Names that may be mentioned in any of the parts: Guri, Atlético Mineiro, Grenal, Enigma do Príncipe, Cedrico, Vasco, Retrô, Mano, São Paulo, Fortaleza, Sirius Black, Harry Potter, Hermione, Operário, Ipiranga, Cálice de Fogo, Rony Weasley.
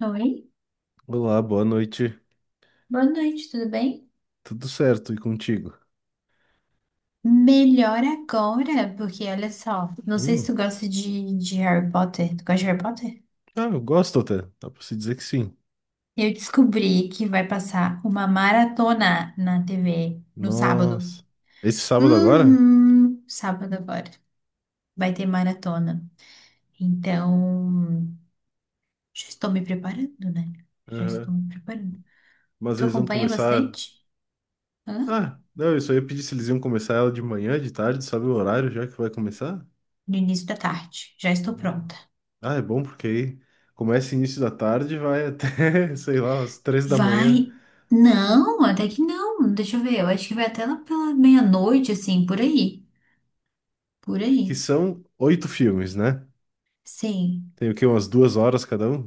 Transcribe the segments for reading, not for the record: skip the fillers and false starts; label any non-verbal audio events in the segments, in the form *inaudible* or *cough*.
Oi, Olá, boa noite. boa noite, tudo bem? Tudo certo e contigo? Melhor agora, porque olha só, não sei se Hum, tu gosta de Harry Potter. Tu gosta de Harry Potter? ah, eu gosto até. Dá pra se dizer que sim. Eu descobri que vai passar uma maratona na TV no sábado. Nossa. Esse sábado agora? Uhum, sábado agora. Vai ter maratona. Então, já estou me preparando, né? Já estou Aham. me preparando. Mas Tu eles vão acompanha começar. bastante? Hã? Ah, não, eu só ia pedir se eles iam começar ela de manhã, de tarde, sabe o horário já que vai começar? No início da tarde. Já estou Hum. pronta. Ah, é bom porque aí começa início da tarde e vai até, *laughs* sei lá, umas 3 da manhã, Vai. Não, até que não. Deixa eu ver. Eu acho que vai até lá pela meia-noite, assim, por aí. Por que aí. são oito filmes, né? Sim. Tem o quê? Umas 2 horas cada um?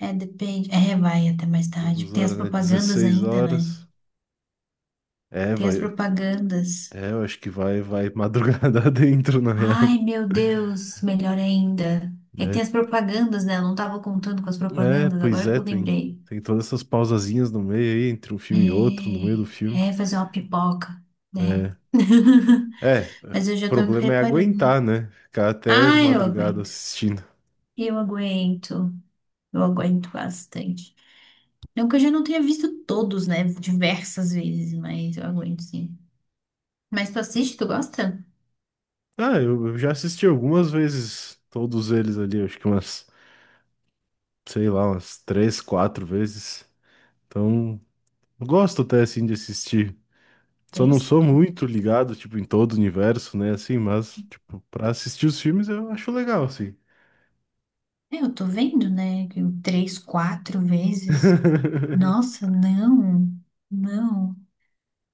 É, depende. É, vai até mais tarde. Duas Tem as horas, né? propagandas 16 ainda, né? horas. É, Tem as vai. propagandas. É, eu acho que vai madrugada *laughs* dentro, na real, Ai, meu Deus, melhor ainda. É que né? tem as propagandas, né? Eu não tava contando com as É, propagandas, pois agora que é, eu tem, lembrei. tem todas essas pausazinhas no meio aí, entre um filme e outro, no meio do filme. É fazer uma pipoca, né? É, é, *laughs* o Mas eu já tô me problema é preparando. aguentar, né? Ficar até Ai, eu madrugada aguento. assistindo. Eu aguento. Eu aguento bastante. Não que eu já não tenha visto todos, né? Diversas vezes, mas eu aguento sim. Mas tu assiste, tu gosta? Ah, eu já assisti algumas vezes todos eles ali, acho que umas, sei lá, umas três, quatro vezes. Então, eu gosto até assim de assistir. Só não Três, sou quatro. muito ligado, tipo, em todo o universo, né? Assim, mas, tipo, pra assistir os filmes eu acho legal, assim. É, eu tô vendo, né? Que três, quatro vezes. *laughs* Nossa, não. Não.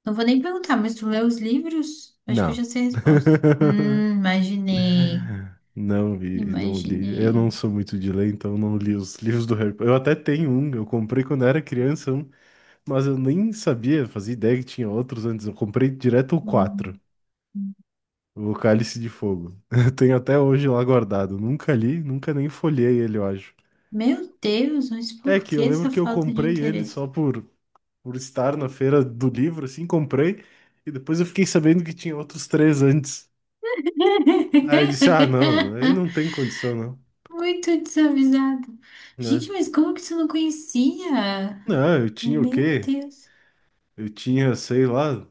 Não vou nem perguntar, mas tu lê os livros? Acho que eu Não. já sei a resposta. *laughs* Imaginei. Não vi, não li. Eu não Imaginei. sou muito de ler, então não li os livros do Harry Potter. Eu até tenho um, eu comprei quando era criança um, mas eu nem sabia, fazia ideia que tinha outros antes. Eu comprei direto o 4, Hum. o Cálice de Fogo. *laughs* Eu tenho até hoje lá guardado. Nunca li, nunca nem folhei ele, eu acho. Meu Deus, mas É por que que eu lembro essa que eu falta de comprei ele só interesse? por estar na feira do livro, assim, comprei, e depois eu fiquei sabendo que tinha outros três antes. Aí eu disse, ah, não, aí *laughs* não tem condição, não, Muito desavisado. né? Gente, mas como que você não conhecia? Não, eu tinha o Meu quê? Deus. Eu tinha, sei lá,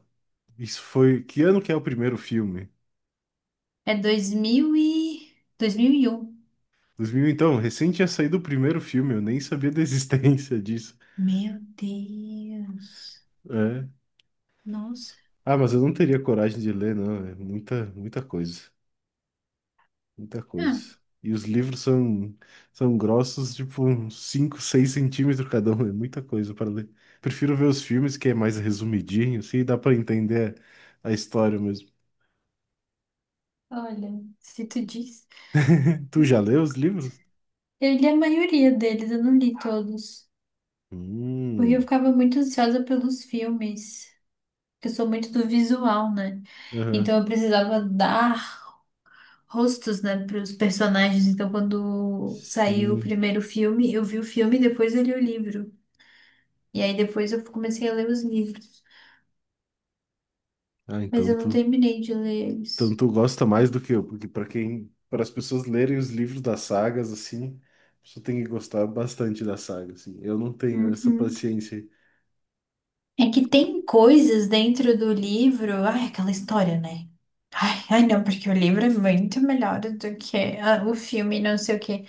isso foi, que ano que é o primeiro filme? É dois mil e um. Dois mil então, recém tinha saído o primeiro filme, eu nem sabia da existência *laughs* disso, Meu Deus. né? Nossa. Ah, mas eu não teria coragem de ler, não, é muita, muita coisa, muita coisa. Ah, E os livros são grossos, tipo, uns 5, 6 centímetros cada um, é muita coisa para ler. Prefiro ver os filmes, que é mais resumidinho, assim, dá para entender a história. olha, se tu diz. Tu já leu os livros? Eu li a maioria deles, eu não li todos. Porque eu Hum, ficava muito ansiosa pelos filmes. Porque eu sou muito do visual, né? aham. Então eu precisava dar rostos, né, para os personagens. Então quando saiu o Sim. primeiro filme, eu vi o filme e depois eu li o livro. E aí depois eu comecei a ler os livros, Ah, mas então eu não tu, terminei de ler então eles. tu gosta mais do que eu, porque para as pessoas lerem os livros das sagas assim, a pessoa tem que gostar bastante da saga, assim. Eu não tenho essa Uhum. paciência aí. É que tem coisas dentro do livro. Ai, aquela história, né? Ai, ai, não, porque o livro é muito melhor do que o filme, não sei o quê.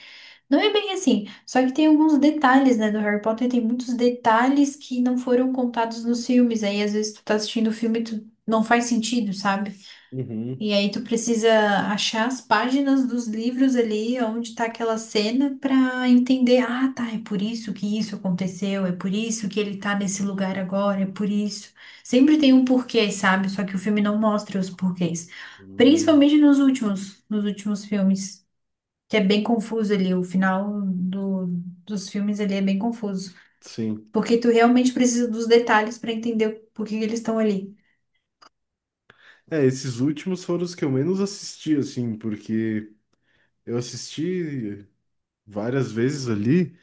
Não é bem assim. Só que tem alguns detalhes, né, do Harry Potter, tem muitos detalhes que não foram contados nos filmes. Aí, às vezes, tu tá assistindo o filme e tu não faz sentido, sabe? Uhum. E aí tu precisa achar as páginas dos livros ali, onde tá aquela cena, pra entender, ah, tá, é por isso que isso aconteceu, é por isso que ele tá nesse lugar agora, é por isso. Sempre tem um porquê, sabe? Só que o filme não mostra os porquês. Hum, Principalmente nos últimos filmes, que é bem confuso ali, o final dos filmes ali é bem confuso. sim. Porque tu realmente precisa dos detalhes pra entender por que que eles estão ali. É, esses últimos foram os que eu menos assisti, assim, porque eu assisti várias vezes ali.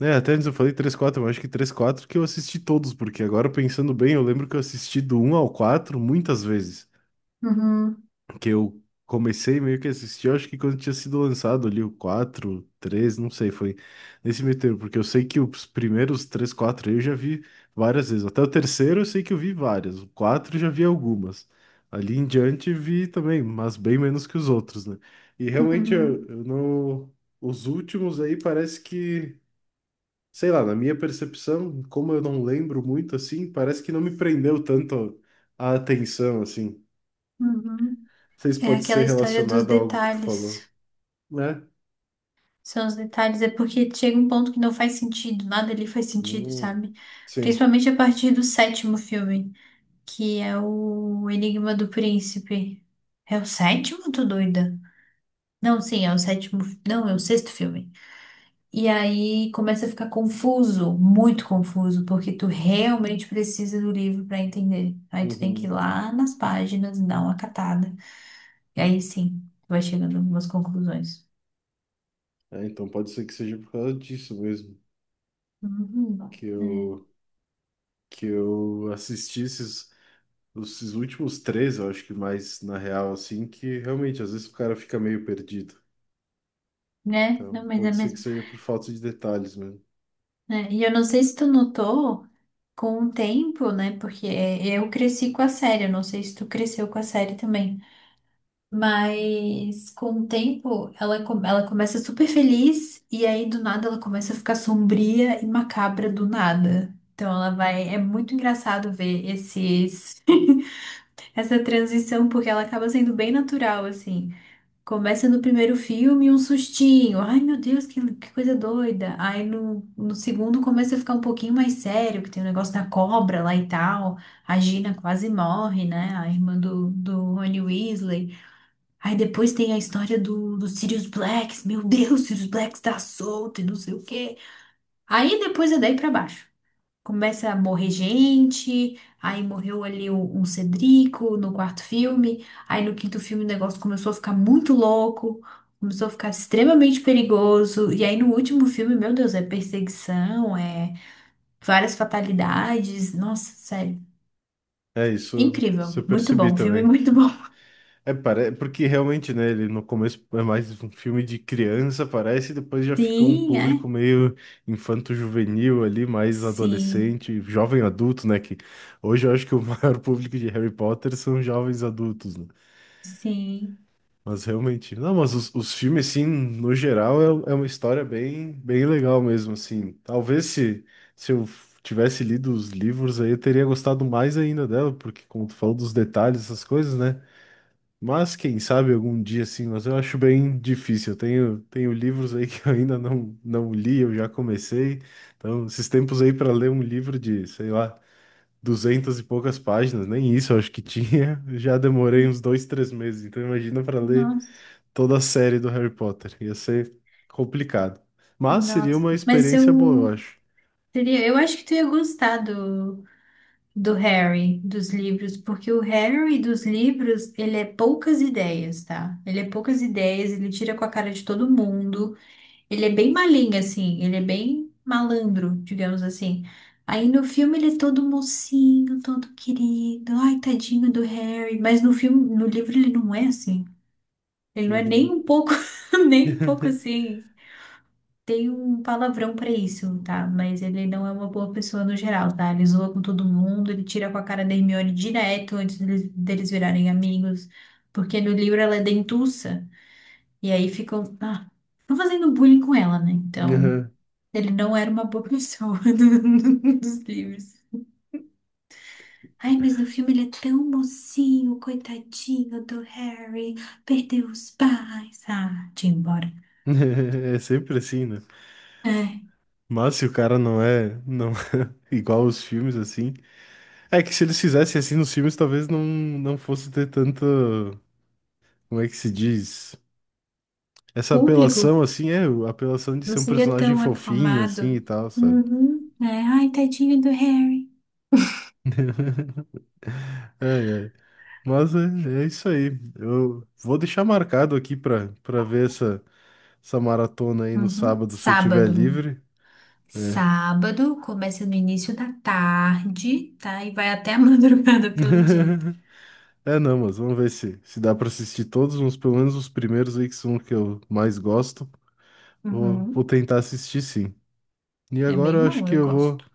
É, até antes eu falei três quatro mas acho que três quatro que eu assisti todos, porque agora pensando bem, eu lembro que eu assisti do um ao 4 muitas vezes. Uhum, Que eu comecei meio que a assistir, eu acho que quando tinha sido lançado ali o 4 3 não sei, foi nesse meio termo, porque eu sei que os primeiros 3 4 aí eu já vi várias vezes. Até o terceiro eu sei que eu vi várias, o 4 eu já vi algumas. Ali em diante vi também, mas bem menos que os outros, né? E realmente eu, uhum, eu não. Os últimos aí parece que sei lá, na minha percepção, como eu não lembro muito assim, parece que não me prendeu tanto a atenção assim. Não uhum. sei se É pode aquela ser história dos relacionado a algo que tu falou, detalhes. né? São os detalhes, é porque chega um ponto que não faz sentido, nada ali faz sentido, Hum, sabe? sim. Principalmente a partir do sétimo filme, que é o Enigma do Príncipe. É o sétimo, tô doida? Não, sim, é o sétimo. Não, é o sexto filme. E aí começa a ficar confuso, muito confuso, porque tu realmente precisa do livro pra entender. Aí tu tem que ir Uhum. lá nas páginas, dar uma catada. E aí sim, tu vai chegando a algumas conclusões. É, então pode ser que seja por causa disso mesmo Uhum. que É, eu que eu assisti esses últimos três, eu acho que mais na real assim, que realmente às vezes o cara fica meio perdido. né? Então Não, mas é pode ser que mesmo. seja por falta de detalhes mesmo. É. E eu não sei se tu notou com o tempo, né? Porque é, eu cresci com a série, eu não sei se tu cresceu com a série também. Mas com o tempo, ela começa super feliz e aí do nada ela começa a ficar sombria e macabra do nada. Então ela vai. É muito engraçado ver esses, *laughs* essa transição, porque ela acaba sendo bem natural, assim. Começa no primeiro filme um sustinho. Ai, meu Deus, que coisa doida. Aí no segundo começa a ficar um pouquinho mais sério, que tem o negócio da cobra lá e tal. A Gina quase morre, né? A irmã do Rony Weasley. Aí depois tem a história do Sirius Black. Meu Deus, Sirius Black está solto e não sei o quê. Aí depois é daí pra baixo. Começa a morrer gente, aí morreu ali um Cedrico no quarto filme, aí no quinto filme o negócio começou a ficar muito louco, começou a ficar extremamente perigoso, e aí no último filme, meu Deus, é perseguição, é várias fatalidades, nossa, sério, É isso, isso incrível, eu muito percebi bom, um filme também. muito bom. *laughs* É, porque realmente, né, ele no começo é mais um filme de criança, parece, e depois já fica um Sim, é? público meio infanto-juvenil ali, mais Sim, adolescente, jovem adulto, né, que hoje eu acho que o *laughs* maior público de Harry Potter são jovens adultos, né? sim, Mas realmente, não, mas os filmes, assim, no geral, é uma história bem, bem legal mesmo, assim. Talvez se eu tivesse lido os livros aí, eu teria gostado mais ainda dela, porque como tu falou dos detalhes, essas coisas, né? Mas quem sabe algum dia sim, mas eu acho bem difícil. Eu tenho livros aí *laughs* que eu ainda não, não li, eu já comecei. Então, esses tempos aí para ler um livro de, sei lá, duzentas e poucas páginas, nem isso eu acho que tinha, *laughs* já demorei uns 2, 3 meses. Então, imagina para ler nossa, toda a série do Harry Potter, ia ser complicado. Mas seria nossa, uma mas experiência boa, eu, eu acho. seria, eu acho que tu ia gostar do Harry, dos livros, porque o Harry dos livros, ele é poucas ideias, tá? Ele é poucas ideias, ele tira com a cara de todo mundo, ele é bem malinho, assim, ele é bem malandro, digamos assim. Aí no filme ele é todo mocinho, todo querido, ai, tadinho do Harry, mas no filme, no livro ele não é assim. Ele não é nem Uhum. um pouco, *laughs* nem um pouco *laughs* assim. Tem um palavrão pra isso, tá? Mas ele não é uma boa pessoa no geral, tá? Ele zoa com todo mundo, ele tira com a cara da Hermione direto antes deles virarem amigos, porque no livro ela é dentuça, e aí ficam fazendo bullying com ela, né? Então, Aham. *laughs* ele não era uma boa pessoa *laughs* dos livros. Ai, mas no filme ele é tão mocinho, coitadinho do Harry, perdeu os pais. Ah, tinha ido embora. É sempre assim, né? É. Mas se o cara não é, não *laughs* igual os filmes assim. É que se eles fizessem assim nos filmes, talvez não, não fosse ter tanta. Como é que se diz? Essa Público? apelação, assim, é, a apelação de Não ser um seria personagem tão fofinho, assim e aclamado. tal, sabe? Uhum. É, ai, tadinho do Harry. Ai, ai. Mas é isso aí. Eu vou deixar marcado aqui pra ver essa maratona aí no Uhum. sábado, se eu tiver Sábado. livre. É. Sábado começa no início da tarde, tá? E vai até a *laughs* madrugada, pelo jeito. *laughs* É, não, mas vamos ver se dá pra assistir todos, uns, pelo menos os primeiros aí que são os que eu mais gosto. Vou Uhum. tentar assistir sim. E É agora bem eu acho bom, que eu eu vou. gosto.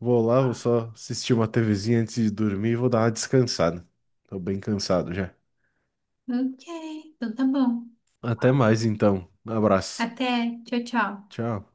Vou lá, vou só assistir uma TVzinha antes de dormir e vou dar uma descansada. Tô bem cansado já. Ok, então tá bom. Até mais então. Abraço. Até. Tchau, tchau. Tchau.